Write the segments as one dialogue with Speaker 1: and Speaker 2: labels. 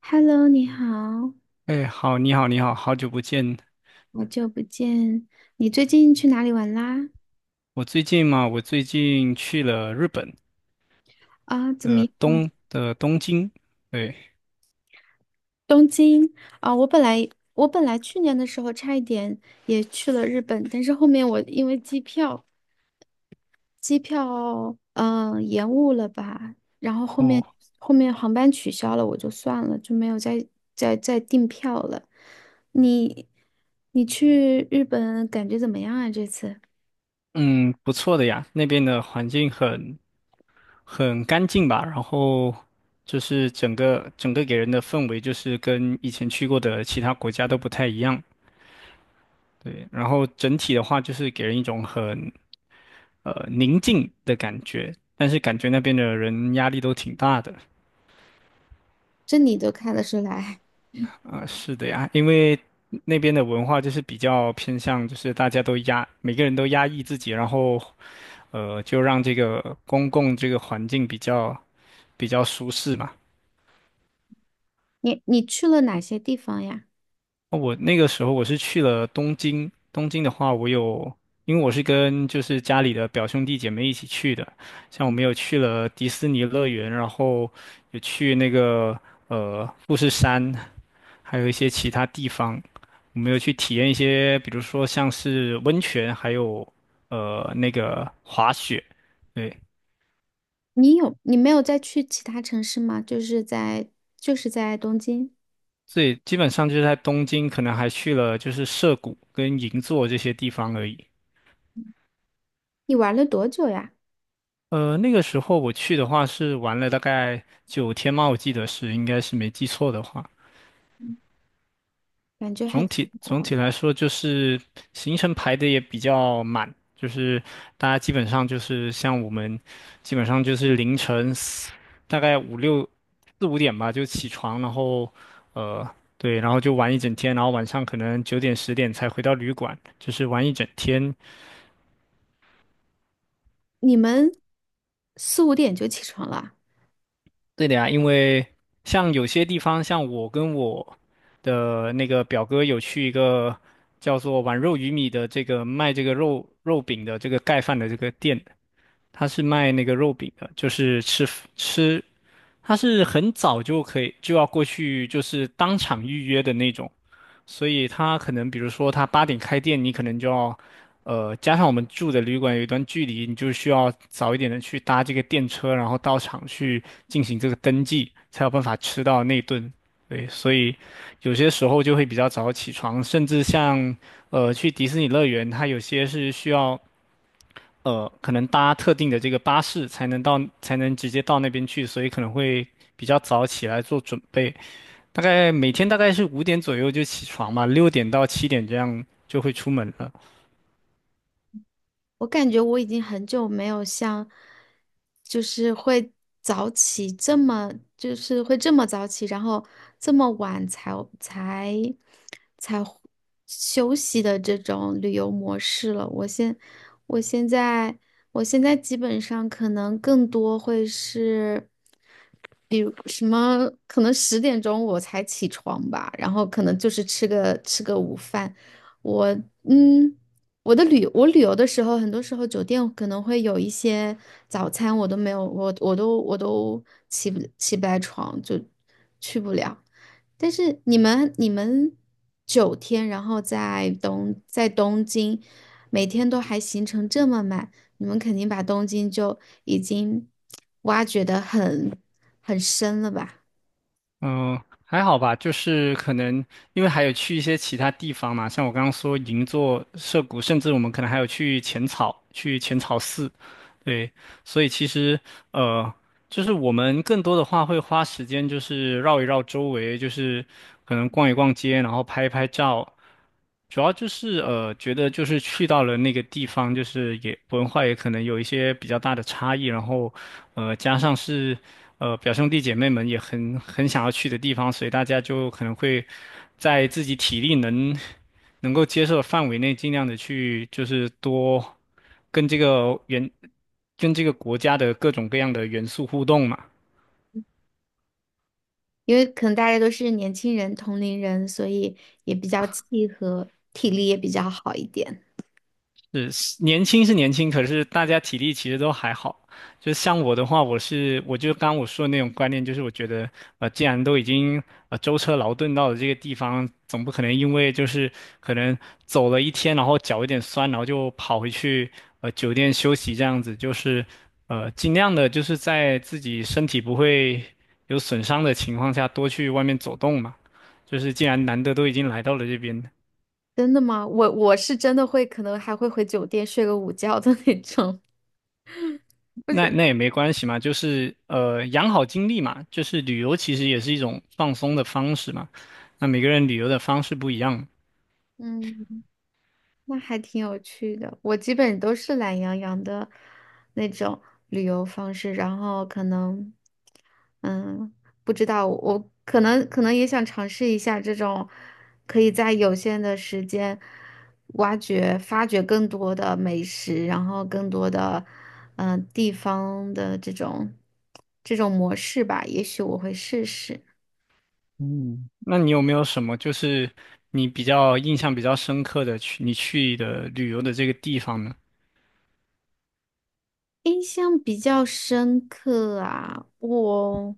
Speaker 1: Hello，你好，
Speaker 2: 哎，好，你好，你好，好久不见。
Speaker 1: 好久不见。你最近去哪里玩啦？
Speaker 2: 我最近去了日本
Speaker 1: 啊，怎么
Speaker 2: 的
Speaker 1: 样？
Speaker 2: 东的东京，对，
Speaker 1: 东京啊，我本来去年的时候差一点也去了日本，但是后面我因为机票延误了吧，然后后面
Speaker 2: 哦，
Speaker 1: 后面航班取消了，我就算了，就没有再订票了。你你去日本感觉怎么样啊？这次
Speaker 2: 嗯，不错的呀。那边的环境很干净吧，然后就是整个给人的氛围就是跟以前去过的其他国家都不太一样，对，然后整体的话就是给人一种很宁静的感觉，但是感觉那边的人压力都挺大的。
Speaker 1: 这你都看得出来，
Speaker 2: 是的呀，因为那边的文化就是比较偏向，就是大家都压，每个人都压抑自己，然后就让这个公共这个环境比较舒适嘛。
Speaker 1: 你去了哪些地方呀？
Speaker 2: 我那个时候是去了东京。东京的话，因为我是跟就是家里的表兄弟姐妹一起去的，像我们有去了迪士尼乐园，然后有去那个富士山，还有一些其他地方。我们有去体验一些，比如说像是温泉，还有那个滑雪，对，
Speaker 1: 你有，你没有再去其他城市吗？就是在，就是在东京。
Speaker 2: 所以基本上就是在东京，可能还去了就是涩谷跟银座这些地方而已。
Speaker 1: 你玩了多久呀？
Speaker 2: 那个时候我去的话是玩了大概9天嘛，我记得是，应该是没记错的话。
Speaker 1: 感觉还
Speaker 2: 总
Speaker 1: 挺，
Speaker 2: 体总体来说，就是行程排的也比较满，就是大家基本上就是像我们，基本上就是凌晨大概四五点吧就起床，然后呃对，然后就玩一整天，然后晚上可能9点10点才回到旅馆，就是玩一整天。
Speaker 1: 你们四五点就起床了啊。
Speaker 2: 对的呀，因为像有些地方，像我跟我的那个表哥有去一个叫做“碗肉鱼米”的这个卖这个肉饼的这个盖饭的这个店，他是卖那个肉饼的，就是吃，他是很早就可以就要过去，就是当场预约的那种，所以他可能比如说他8点开店，你可能就要，加上我们住的旅馆有一段距离，你就需要早一点的去搭这个电车，然后到场去进行这个登记，才有办法吃到那顿。对，所以有些时候就会比较早起床，甚至像去迪士尼乐园，它有些是需要可能搭特定的这个巴士才能到，才能直接到那边去，所以可能会比较早起来做准备。大概每天是五点左右就起床嘛，6点到7点这样就会出门了。
Speaker 1: 我感觉我已经很久没有像，就是会早起这么，就是会这么早起，然后这么晚才才才休息的这种旅游模式了。我现在我现在基本上可能更多会是，比如什么，可能十点钟我才起床吧，然后可能就是吃个午饭，我嗯。我旅游的时候，很多时候酒店可能会有一些早餐，我都没有，我都起不来床,就去不了。但是你们九天，然后在东京,每天都还行程这么满，你们肯定把东京就已经挖掘得很深了吧？
Speaker 2: 嗯、还好吧，就是可能因为还有去一些其他地方嘛，像我刚刚说银座、涩谷，甚至我们可能还有去浅草，去浅草寺，对，所以其实呃。就是我们更多的话会花时间，就是绕一绕周围，就是可能逛一逛街，然后拍一拍照。主要就是觉得就是去到了那个地方，就是也文化也可能有一些比较大的差异，然后加上是表兄弟姐妹们也很想要去的地方，所以大家就可能会在自己体力能够接受的范围内，尽量的去就是多跟这个原。跟这个国家的各种各样的元素互动嘛。
Speaker 1: 因为可能大家都是年轻人、同龄人，所以也比较契合，体力也比较好一点。
Speaker 2: 是年轻是年轻，可是大家体力其实都还好。就像我的话，我就刚说的那种观念，就是我觉得既然都已经舟车劳顿到了这个地方，总不可能因为就是可能走了一天，然后脚有点酸，然后就跑回去酒店休息这样子，就是尽量的就是在自己身体不会有损伤的情况下，多去外面走动嘛。就是既然难得都已经来到了这边，
Speaker 1: 真的吗？我是真的会，可能还会回酒店睡个午觉的那种。不
Speaker 2: 那
Speaker 1: 行，
Speaker 2: 那也没关系嘛，就是养好精力嘛，就是旅游其实也是一种放松的方式嘛。那每个人旅游的方式不一样，
Speaker 1: 嗯，那还挺有趣的。我基本都是懒洋洋的那种旅游方式，然后可能，嗯，不知道，我可能也想尝试一下这种，可以在有限的时间挖掘、发掘更多的美食，然后更多的，嗯、地方的这种模式吧。也许我会试试。
Speaker 2: 嗯。那你有没有什么就是你比较印象比较深刻的你去的旅游的这个地方呢？
Speaker 1: 印象比较深刻啊，我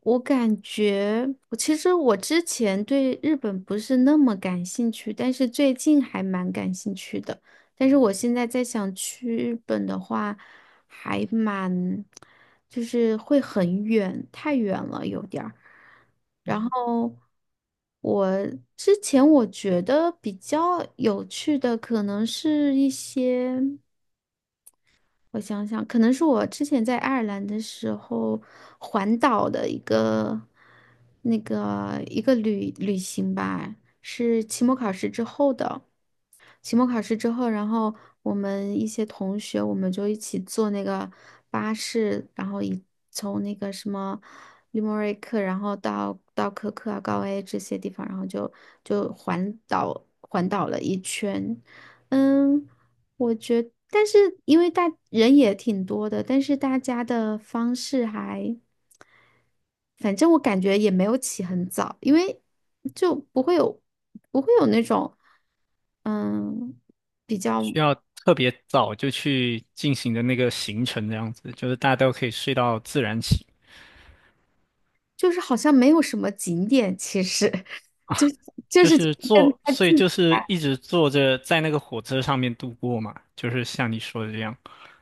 Speaker 1: 我感觉，我其实之前对日本不是那么感兴趣，但是最近还蛮感兴趣的。但是我现在在想去日本的话，还蛮，就是会很远，太远了有点儿。然后我之前我觉得比较有趣的可能是一些。我想想，可能是我之前在爱尔兰的时候环岛的一个旅行吧，是期末考试之后的。期末考试之后，然后我们一些同学，我们就一起坐那个巴士，然后一从那个什么利莫瑞克，然后到科克啊、高 A 这些地方，然后就就环岛了一圈。嗯，我觉得，但是因为大人也挺多的，但是大家的方式还，反正我感觉也没有起很早，因为就不会有那种，嗯，
Speaker 2: 需要特别早就去进行的那个行程，这样子就是大家都可以睡到自然醒，
Speaker 1: 就是好像没有什么景点，其实 就就
Speaker 2: 就
Speaker 1: 是
Speaker 2: 是
Speaker 1: 跟
Speaker 2: 坐，
Speaker 1: 他
Speaker 2: 所
Speaker 1: 自
Speaker 2: 以就是一直坐着在那个火车上面度过嘛，就是像你说的这样。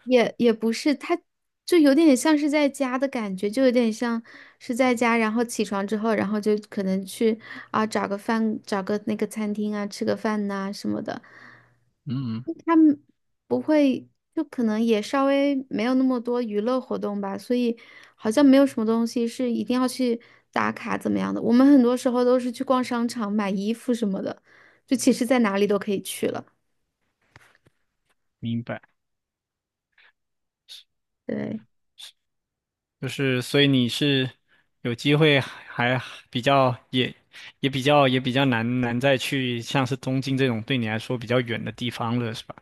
Speaker 1: 也不是，他就有点像是在家的感觉，就有点像是在家，然后起床之后，然后就可能去啊找个饭，找个那个餐厅啊，吃个饭呐、什么的。
Speaker 2: 嗯，
Speaker 1: 他们不会，就可能也稍微没有那么多娱乐活动吧，所以好像没有什么东西是一定要去打卡怎么样的。我们很多时候都是去逛商场买衣服什么的，就其实在哪里都可以去了。
Speaker 2: 明白。
Speaker 1: 对。
Speaker 2: 就是，所以你是有机会还比较也也比较也比较难难再去像是东京这种对你来说比较远的地方了，是吧？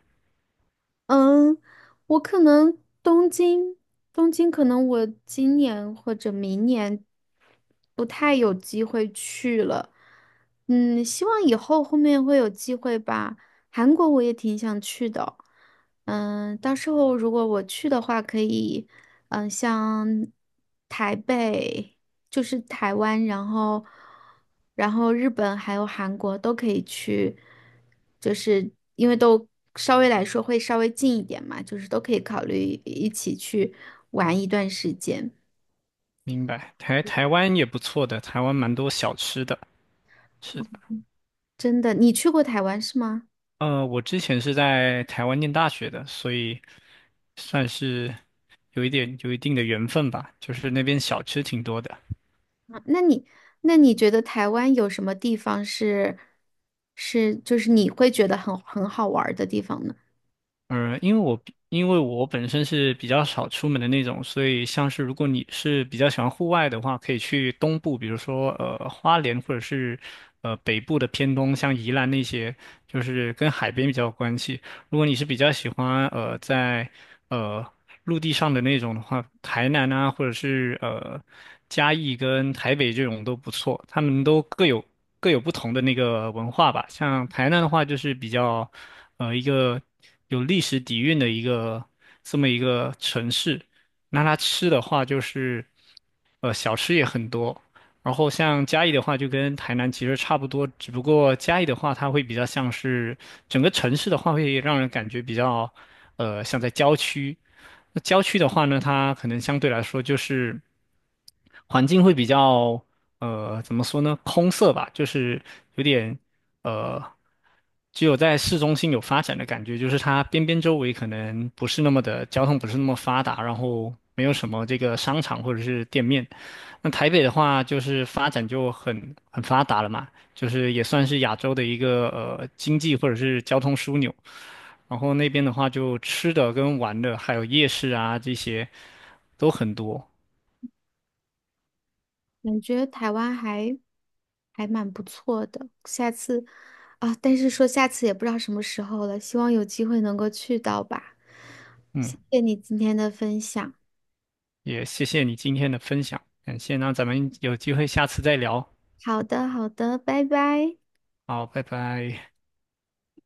Speaker 1: 嗯，我可能东京，东京可能我今年或者明年不太有机会去了。嗯，希望以后后面会有机会吧。韩国我也挺想去的，嗯，到时候如果我去的话，可以。嗯、像台北，就是台湾，然后日本还有韩国都可以去，就是因为都稍微来说会稍微近一点嘛，就是都可以考虑一起去玩一段时间。
Speaker 2: 明白。台湾也不错的，台湾蛮多小吃的。是的，
Speaker 1: 真的，你去过台湾是吗？
Speaker 2: 我之前是在台湾念大学的，所以算是有一定的缘分吧，就是那边小吃挺多的。
Speaker 1: 啊那你觉得台湾有什么地方是就是你会觉得很好玩儿的地方呢？
Speaker 2: 嗯，因为我本身是比较少出门的那种，所以像是如果你是比较喜欢户外的话，可以去东部，比如说花莲或者是北部的偏东，像宜兰那些，就是跟海边比较有关系。如果你是比较喜欢在呃陆地上的那种的话，台南啊或者是嘉义跟台北这种都不错，他们都各有不同的那个文化吧。像台南的话，就是比较。一个有历史底蕴的这么一个城市。那它吃的话，就是小吃也很多，然后像嘉义的话，就跟台南其实差不多，只不过嘉义的话，它会比较像是整个城市的话，会让人感觉比较，像在郊区。那郊区的话呢，它可能相对来说就是环境会比较，怎么说呢，空色吧，就是有点，呃，只有在市中心有发展的感觉，就是它边周围可能不是那么的交通不是那么发达，然后没有什么这个商场或者是店面。那台北的话，就是发展就很发达了嘛，就是也算是亚洲的一个经济或者是交通枢纽。然后那边的话，就吃的跟玩的，还有夜市啊这些都很多。
Speaker 1: 感觉台湾还蛮不错的，下次啊，但是说下次也不知道什么时候了，希望有机会能够去到吧。
Speaker 2: 嗯，
Speaker 1: 谢谢你今天的分享。
Speaker 2: 也谢谢你今天的分享，感谢。那咱们有机会下次再聊。
Speaker 1: 好的，好的，拜拜。
Speaker 2: 好，拜拜。